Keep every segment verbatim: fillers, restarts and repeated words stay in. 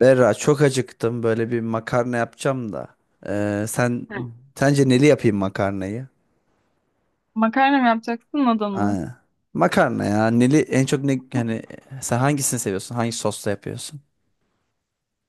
Berra çok acıktım. Böyle bir makarna yapacağım da. Ee, sen Hı. sence neli yapayım makarnayı? Makarna mı yapacaksın, nadal mı? Aa, makarna ya. Neli en çok ne hani sen hangisini seviyorsun? Hangi sosla yapıyorsun?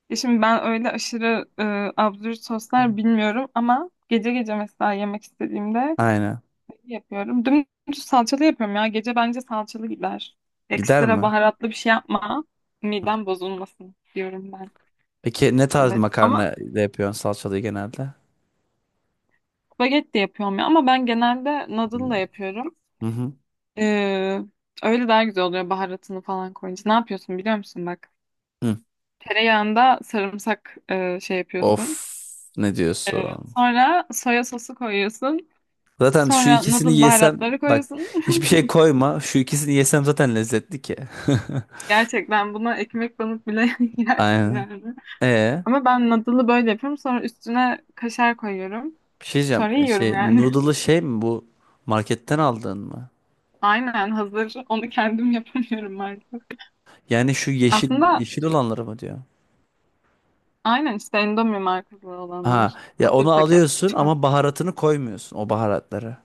Ya şimdi ben öyle aşırı e, absürt soslar bilmiyorum ama gece gece mesela yemek istediğimde Aynen. şey yapıyorum. Dümdüz salçalı yapıyorum ya. Gece bence salçalı gider. Gider Ekstra mi? baharatlı bir şey yapma. Midem bozulmasın diyorum ben. Peki ne tarz Evet ama makarna ile yapıyorsun salçalı genelde? spagetti de yapıyorum ya. Ama ben genelde nadal Hmm. da yapıyorum. Hı hı. Ee, Öyle daha güzel oluyor baharatını falan koyunca. Ne yapıyorsun biliyor musun bak? Hı. Tereyağında sarımsak e, şey Of, yapıyorsun. ne diyorsun? Sonra soya sosu koyuyorsun. Zaten şu Sonra ikisini noodle yesem baharatları bak, koyuyorsun. hiçbir şey koyma. Şu ikisini yesem zaten lezzetli ki. Gerçekten buna ekmek banıp bile yersin Aynen. yani. E Ama ben noodle'ı böyle yapıyorum. Sonra üstüne kaşar koyuyorum. Bir şey diyeceğim. Sonra E, yiyorum Şey, yani. noodle'ı şey mi bu? Marketten aldın mı? Aynen hazır. Onu kendim yapamıyorum artık. Yani şu yeşil Aslında yeşil olanları mı diyor? aynen işte Indomie markalı Ha olanlar. ya, Hazır onu paket alıyorsun küçük. ama baharatını koymuyorsun o baharatları.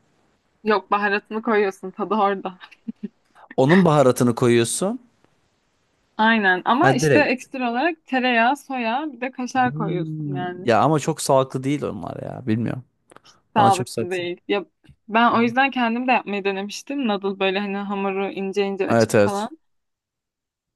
Yok baharatını koyuyorsun tadı orada. Onun baharatını koyuyorsun. Aynen Ha, ama işte direkt. ekstra olarak tereyağı, soya bir de kaşar koyuyorsun Hmm. yani. Ya ama çok sağlıklı değil onlar ya. Bilmiyorum. Bana çok Sağlıklı sağlıklı. değil. Ya ben o Evet, yüzden kendim de yapmayı denemiştim. Noodle böyle hani hamuru ince ince evet, açıp evet. falan.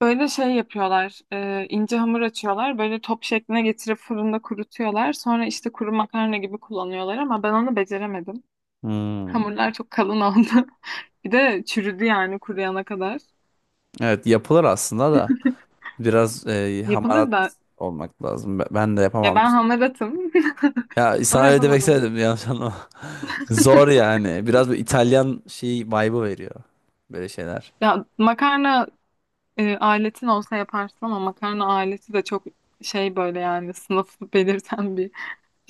Böyle şey yapıyorlar. e, ince hamur açıyorlar. Böyle top şekline getirip fırında kurutuyorlar. Sonra işte kuru makarna gibi kullanıyorlar ama ben onu beceremedim. Hmm. Hamurlar çok kalın oldu. Bir de çürüdü yani kuruyana kadar. Evet, yapılır aslında da biraz e, Yapılır hamarat da olmak lazım. Be- Ben de ya yapamam ben işte. hamaratım. Ya sana Ama öyle demek yapamadım. istemedim, yanlış anlama. Zor yani. Biraz bir İtalyan şey vibe'ı veriyor. Böyle şeyler. Ya makarna e, aletin olsa yaparsın ama makarna aleti de çok şey böyle yani sınıf belirten bir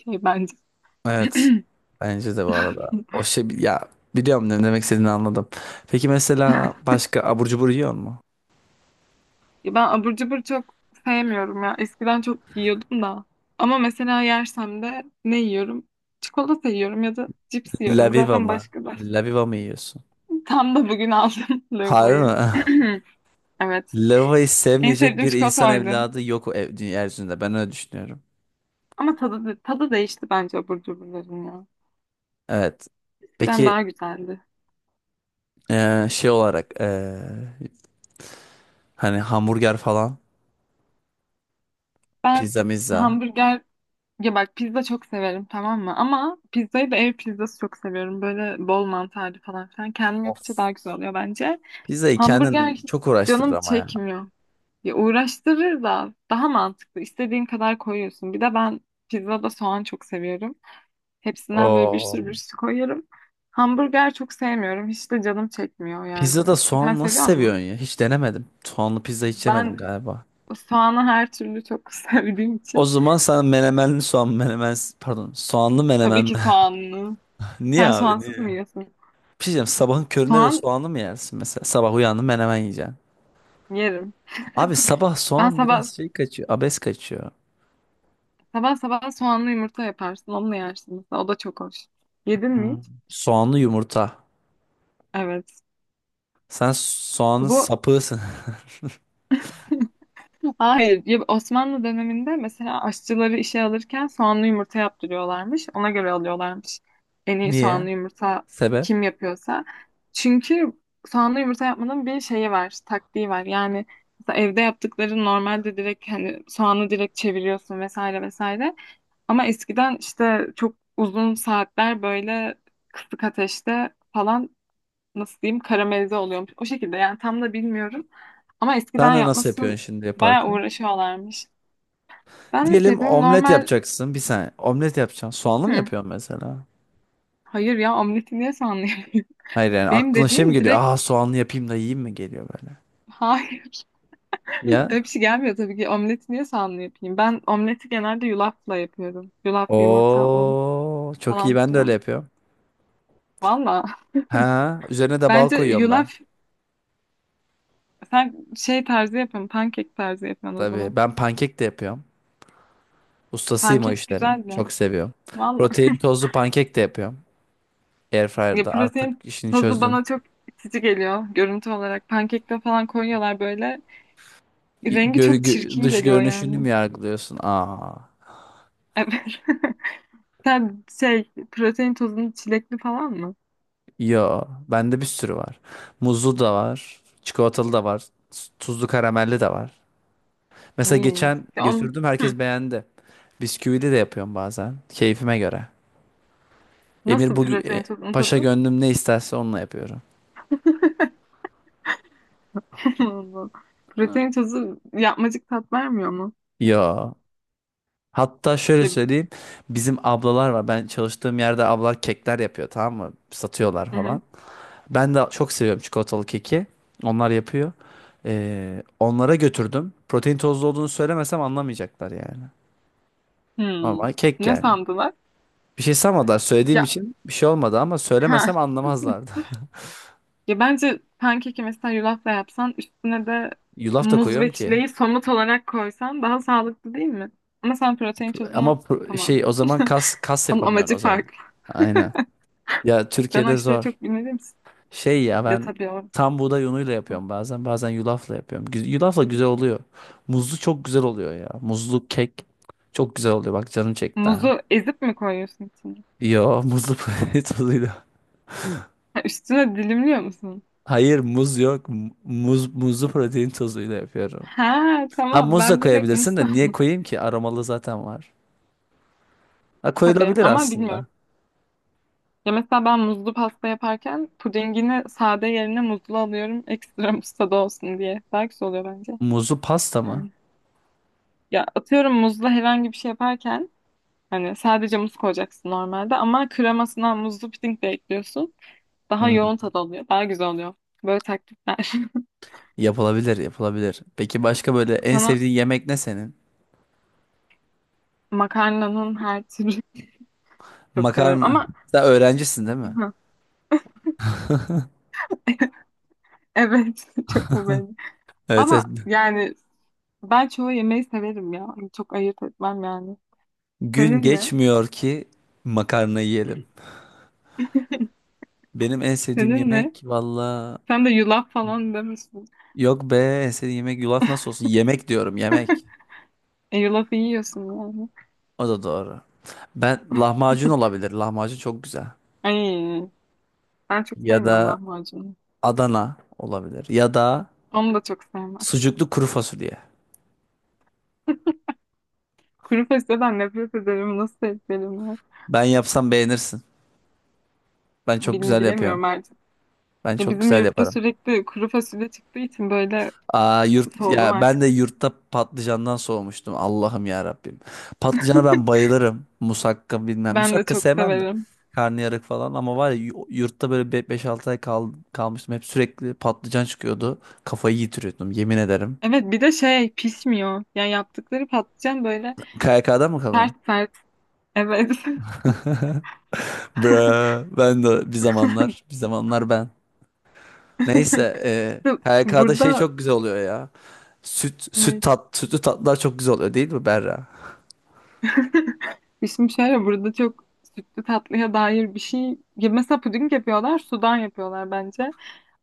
şey bence. Evet. Bence de bu arada. O şey ya, biliyorum, ne demek istediğini anladım. Peki mesela başka abur cubur yiyor mu? Ya ben abur cubur çok sevmiyorum ya. Eskiden çok yiyordum da. Ama mesela yersem de ne yiyorum? Çikolata yiyorum ya da cips yiyorum. Laviva Zaten mı? başka da. Laviva mı yiyorsun? Tam da bugün aldım Harbi mi? lavayı. Evet. Laviva'yı En sevmeyecek sevdiğim bir insan çikolata oydu. evladı yok o ev, dünya yeryüzünde. Ben öyle düşünüyorum. Ama tadı, tadı değişti bence abur cuburların ya. Evet. Eskiden Peki daha güzeldi. eee, şey olarak eee, hani hamburger falan Ben pizza mizza. hamburger ya bak pizza çok severim tamam mı? Ama pizzayı da ev pizzası çok seviyorum. Böyle bol mantarlı falan filan. Kendim yapınca Of. daha güzel oluyor bence. Pizzayı Hamburger kendin hiç çok uğraştırır canım ama ya. çekmiyor. Ya uğraştırır da daha mantıklı. İstediğin kadar koyuyorsun. Bir de ben pizzada soğan çok seviyorum. Hepsinden böyle bir Oo. sürü bir sürü koyarım. Hamburger çok sevmiyorum. Hiç de canım çekmiyor yani. Pizzada Sen soğan seviyor nasıl musun? seviyorsun ya? Hiç denemedim. Soğanlı pizza hiç yemedim Ben galiba. soğanı her türlü çok sevdiğim O için. zaman sen menemenli soğan menemen pardon soğanlı menemen Tabii mi? ki soğanlı. niye Sen abi soğansız niye? mı yiyorsun? Bir şey diyeceğim, sabahın köründe de Soğan soğanlı mı yersin mesela? Sabah uyandın menemen yiyeceksin. yerim. Abi sabah Ben soğan sabah biraz şey kaçıyor, abes kaçıyor. sabah Sabah soğanlı yumurta yaparsın. Onunla yersin mesela. O da çok hoş. Yedin mi Hmm. hiç? Soğanlı yumurta. Evet. Sen soğanın Bu sapığısın. Hayır. Ya Osmanlı döneminde mesela aşçıları işe alırken soğanlı yumurta yaptırıyorlarmış. Ona göre alıyorlarmış. En iyi Niye? soğanlı yumurta Sebep? kim yapıyorsa. Çünkü soğanlı yumurta yapmanın bir şeyi var, taktiği var. Yani mesela evde yaptıkları normalde direkt hani soğanı direkt çeviriyorsun vesaire vesaire. Ama eskiden işte çok uzun saatler böyle kısık ateşte falan nasıl diyeyim karamelize oluyormuş. O şekilde yani tam da bilmiyorum. Ama Sen eskiden de nasıl yapması yapıyorsun şimdi bayağı yaparken? uğraşıyorlarmış. Ben nasıl Diyelim yapıyorum? omlet Normal yapacaksın bir saniye. Omlet yapacaksın. Soğanlı mı Hı, yapıyorsun mesela? hayır ya omleti niye sanlı. Hayır yani, Benim aklına şey mi dediğim geliyor? direkt Aa, soğanlı yapayım da yiyeyim mi geliyor böyle. hayır. Öyle Ya. bir şey gelmiyor tabii ki. Omleti niye sanlı yapayım? Ben omleti genelde yulafla yapıyorum. Yulaf, yumurta, un Oo, çok iyi, falan ben de öyle filan. yapıyorum. Valla. Ha, üzerine de bal Bence koyuyorum ben. yulaf sen şey tarzı yapın. Pankek tarzı yapın o Tabii zaman. ben pankek de yapıyorum. Ustasıyım o Pankek işlerin. güzel ya. Çok seviyorum. Valla. Protein tozlu pankek de yapıyorum. Ya Airfryer'da artık pırasa'nın işini tazı çözdüm. bana çok itici geliyor görüntü olarak. Pankekte falan koyuyorlar böyle. İ- Rengi Gör, çok gö- çirkin dış geliyor görünüşünü yani. mü yargılıyorsun? Aa. Evet. Sen şey protein tozunu çilekli falan mı? Yo, bende bir sürü var. Muzlu da var. Çikolatalı da var. s- Tuzlu karamelli de var. Mesela İyi. geçen Ya on, götürdüm, hı. herkes beğendi. Bisküvili de yapıyorum bazen. Keyfime göre. Emir Nasıl bugün e, protein tozunun paşa tadı? gönlüm ne isterse onunla yapıyorum. Allah. Protein tozu yapmacık tat vermiyor mu? Ya. Hatta şöyle Ya, söyleyeyim. Bizim ablalar var. Ben çalıştığım yerde ablalar kekler yapıyor, tamam mı? Satıyorlar hı hı. falan. Ben de çok seviyorum çikolatalı keki. Onlar yapıyor. Ee, onlara götürdüm. Protein tozlu olduğunu söylemesem anlamayacaklar yani. Hmm. Ama kek Ne yani. sandılar? Bir şey sanmadılar, söylediğim Ya için bir şey olmadı, ama söylemesem ha. anlamazlardı. Ya bence pankeki mesela yulafla yapsan üstüne de Yulaf da muz koyuyorum ve ki. çileği somut olarak koysan daha sağlıklı değil mi? Ama sen protein Ama tozunu pro- tamam. şey o zaman kas kas Onun yapamıyorsun o amacı zaman. farklı. Aynen. Ya Ben o Türkiye'de işleri zor. çok bilmediğim için. Şey ya, Ya ben tabii o. tam buğday unuyla yapıyorum bazen. Bazen yulafla yapıyorum. Gü- Yulafla güzel oluyor. Muzlu çok güzel oluyor ya. Muzlu kek çok güzel oluyor. Bak canım çekti Muzu ha. ezip mi koyuyorsun içine? Yo, muzlu protein tozuyla. Ha, üstüne dilimliyor musun? Hayır, muz yok. M- Muz muzlu protein tozuyla yapıyorum. Ha Ha, tamam muz da ben direkt muz koyabilirsin de niye sandım. koyayım ki? Aromalı zaten var. Ha, Tabii koyulabilir ama aslında. bilmiyorum. Ya mesela ben muzlu pasta yaparken pudingini sade yerine muzlu alıyorum. Ekstra muz tadı olsun diye. Daha oluyor bence. Muzlu pasta mı? Yani. Ya atıyorum muzla herhangi bir şey yaparken hani sadece muz koyacaksın normalde ama kremasına muzlu puding de ekliyorsun. Daha Hmm. yoğun tad oluyor. Daha güzel oluyor. Böyle taktikler. Yapılabilir, yapılabilir. Peki başka böyle en Sana sevdiğin yemek ne senin? makarnanın her türlü çok severim Makarna. ama Sen öğrencisin değil mi? evet çok mu beğendim. Evet, evet. Ama yani ben çoğu yemeği severim ya. Hani çok ayırt etmem yani. Gün Senin ne? geçmiyor ki makarna yiyelim. Benim en sevdiğim Senin ne? yemek valla, Sen de yulaf falan demişsin. yok be, en sevdiğim yemek yulaf nasıl olsun? Yemek diyorum, yemek. E, yulafı yiyorsun yani. O da doğru. Ben, lahmacun olabilir. Lahmacun çok güzel. Ay, ben çok Ya sevmiyorum da lahmacunu. Adana olabilir. Ya da Onu da çok sevmem. sucuklu kuru fasulye. Kuru fasulyeden nefret ederim. Nasıl sevgilerim var? Ben yapsam beğenirsin. Ben çok Bil- güzel yapıyorum. Bilemiyorum artık. Ben Ya çok bizim güzel yurtta yaparım. sürekli kuru fasulye çıktığı için böyle Aa, yurt soğudum ya, ben de artık. yurtta patlıcandan soğumuştum. Allah'ım ya Rabbim. Patlıcana ben bayılırım. Musakka bilmem. Ben de Musakka çok sevmem de. severim. Karnıyarık falan ama var ya, yu- yurtta böyle beş altı ay kal kalmıştım. Hep sürekli patlıcan çıkıyordu. Kafayı yitiriyordum, yemin ederim. Evet bir de şey pişmiyor. Yani yaptıkları patlıcan böyle K Y K'da mı kalıyor? sert sert. Evet. Bra ben de bir zamanlar bir zamanlar ben. Neyse e, İşte K Y K'da şey burada çok güzel oluyor ya. Süt süt ne- tat Sütlü tatlılar çok güzel oluyor değil mi Berra? Şimdi şöyle burada çok sütlü tatlıya dair bir şey. Ya mesela puding yapıyorlar, sudan yapıyorlar bence.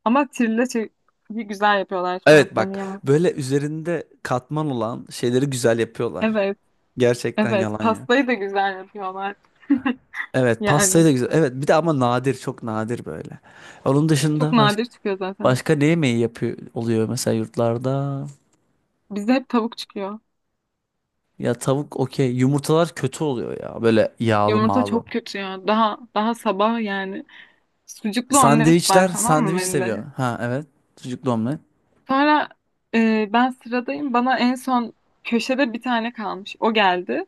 Ama trileçeyi güzel yapıyorlar. Şimdi Evet, haklarını bak yemem. böyle üzerinde katman olan şeyleri güzel yapıyorlar. Evet. Gerçekten, Evet, yalan ya. pastayı da güzel yapıyorlar. Evet, pastayı Yani da güzel. Evet, bir de ama nadir, çok nadir böyle. Onun çok dışında baş, nadir çıkıyor zaten. başka ne yemeği yapıyor oluyor mesela yurtlarda? Bizde hep tavuk çıkıyor. Ya tavuk okey. Yumurtalar kötü oluyor ya, böyle yağlı Yumurta mağlı. çok kötü ya. Daha daha sabah yani. Sucuklu omlet var Sandviçler, tamam mı sandviç seviyor. bende? Ha evet, sucuklu omlet. Sonra e, ben sıradayım. Bana en son köşede bir tane kalmış. O geldi.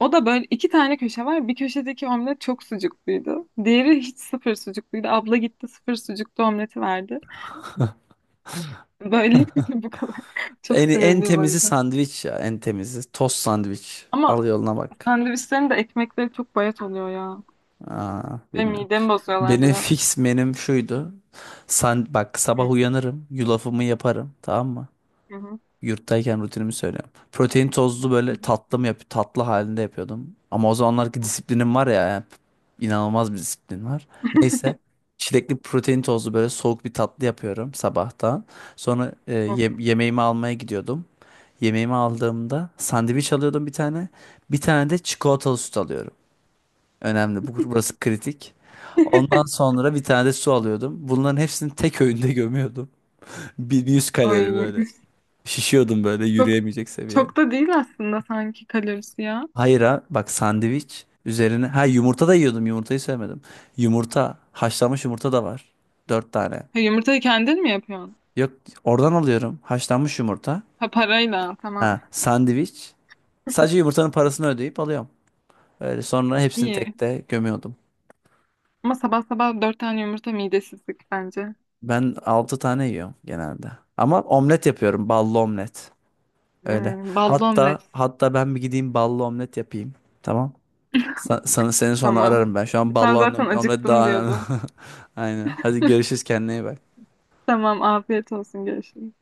O da böyle iki tane köşe var. Bir köşedeki omlet çok sucukluydu. Diğeri hiç sıfır sucukluydu. Abla gitti sıfır sucuklu omleti verdi. Böyle bu kadar. Çok En, en sinirliyim o temizi yüzden. sandviç ya, en temizi. Tost, sandviç. Al Ama yoluna bak. sandviçlerin de ekmekleri çok bayat oluyor ya. Aa, Ve bilmiyorum. midemi bozuyorlar Benim biraz. fix menüm şuydu. Sen bak, Hı sabah uyanırım, yulafımı yaparım, tamam mı? hı. Yurttayken rutinimi söylüyorum. Protein tozlu böyle Hı tatlı mı yap, tatlı halinde yapıyordum. Ama o zamanlarki disiplinim var ya, yani inanılmaz bir disiplin var. Neyse, çilekli protein tozlu böyle soğuk bir tatlı yapıyorum sabahtan. Sonra e, hı. ye- yemeğimi almaya gidiyordum. Yemeğimi aldığımda sandviç alıyordum bir tane. Bir tane de çikolatalı süt alıyorum. Önemli. Bu, burası kritik. Ondan sonra bir tane de su alıyordum. Bunların hepsini tek öğünde gömüyordum. Bir, bir yüz kalori Ay, böyle. Şişiyordum böyle, çok yürüyemeyecek seviye. çok da değil aslında sanki kalorisi ya. Hayır ha bak, sandviç üzerine. Ha, yumurta da yiyordum, yumurtayı sevmedim. Yumurta, haşlanmış yumurta da var. Dört tane. Ha, yumurtayı kendin mi yapıyorsun? Yok, oradan alıyorum haşlanmış yumurta. Ha parayla tamam. Ha, sandviç. Sadece yumurtanın parasını ödeyip alıyorum. Öyle sonra hepsini İyi. tek de gömüyordum. Ama sabah sabah dört tane yumurta midesizlik bence. Ben altı tane yiyorum genelde. Ama omlet yapıyorum. Ballı omlet. Öyle. Ee, Ballı Hatta omlet. hatta ben bir gideyim ballı omlet yapayım. Tamam. Sa- Sana seni sonra Tamam. ararım ben. Şu an ballı Sen zaten omlet, omlet acıktım daha önemli. diyordun. Aynen. Hadi görüşürüz, kendine iyi bak. Tamam afiyet olsun görüşürüz.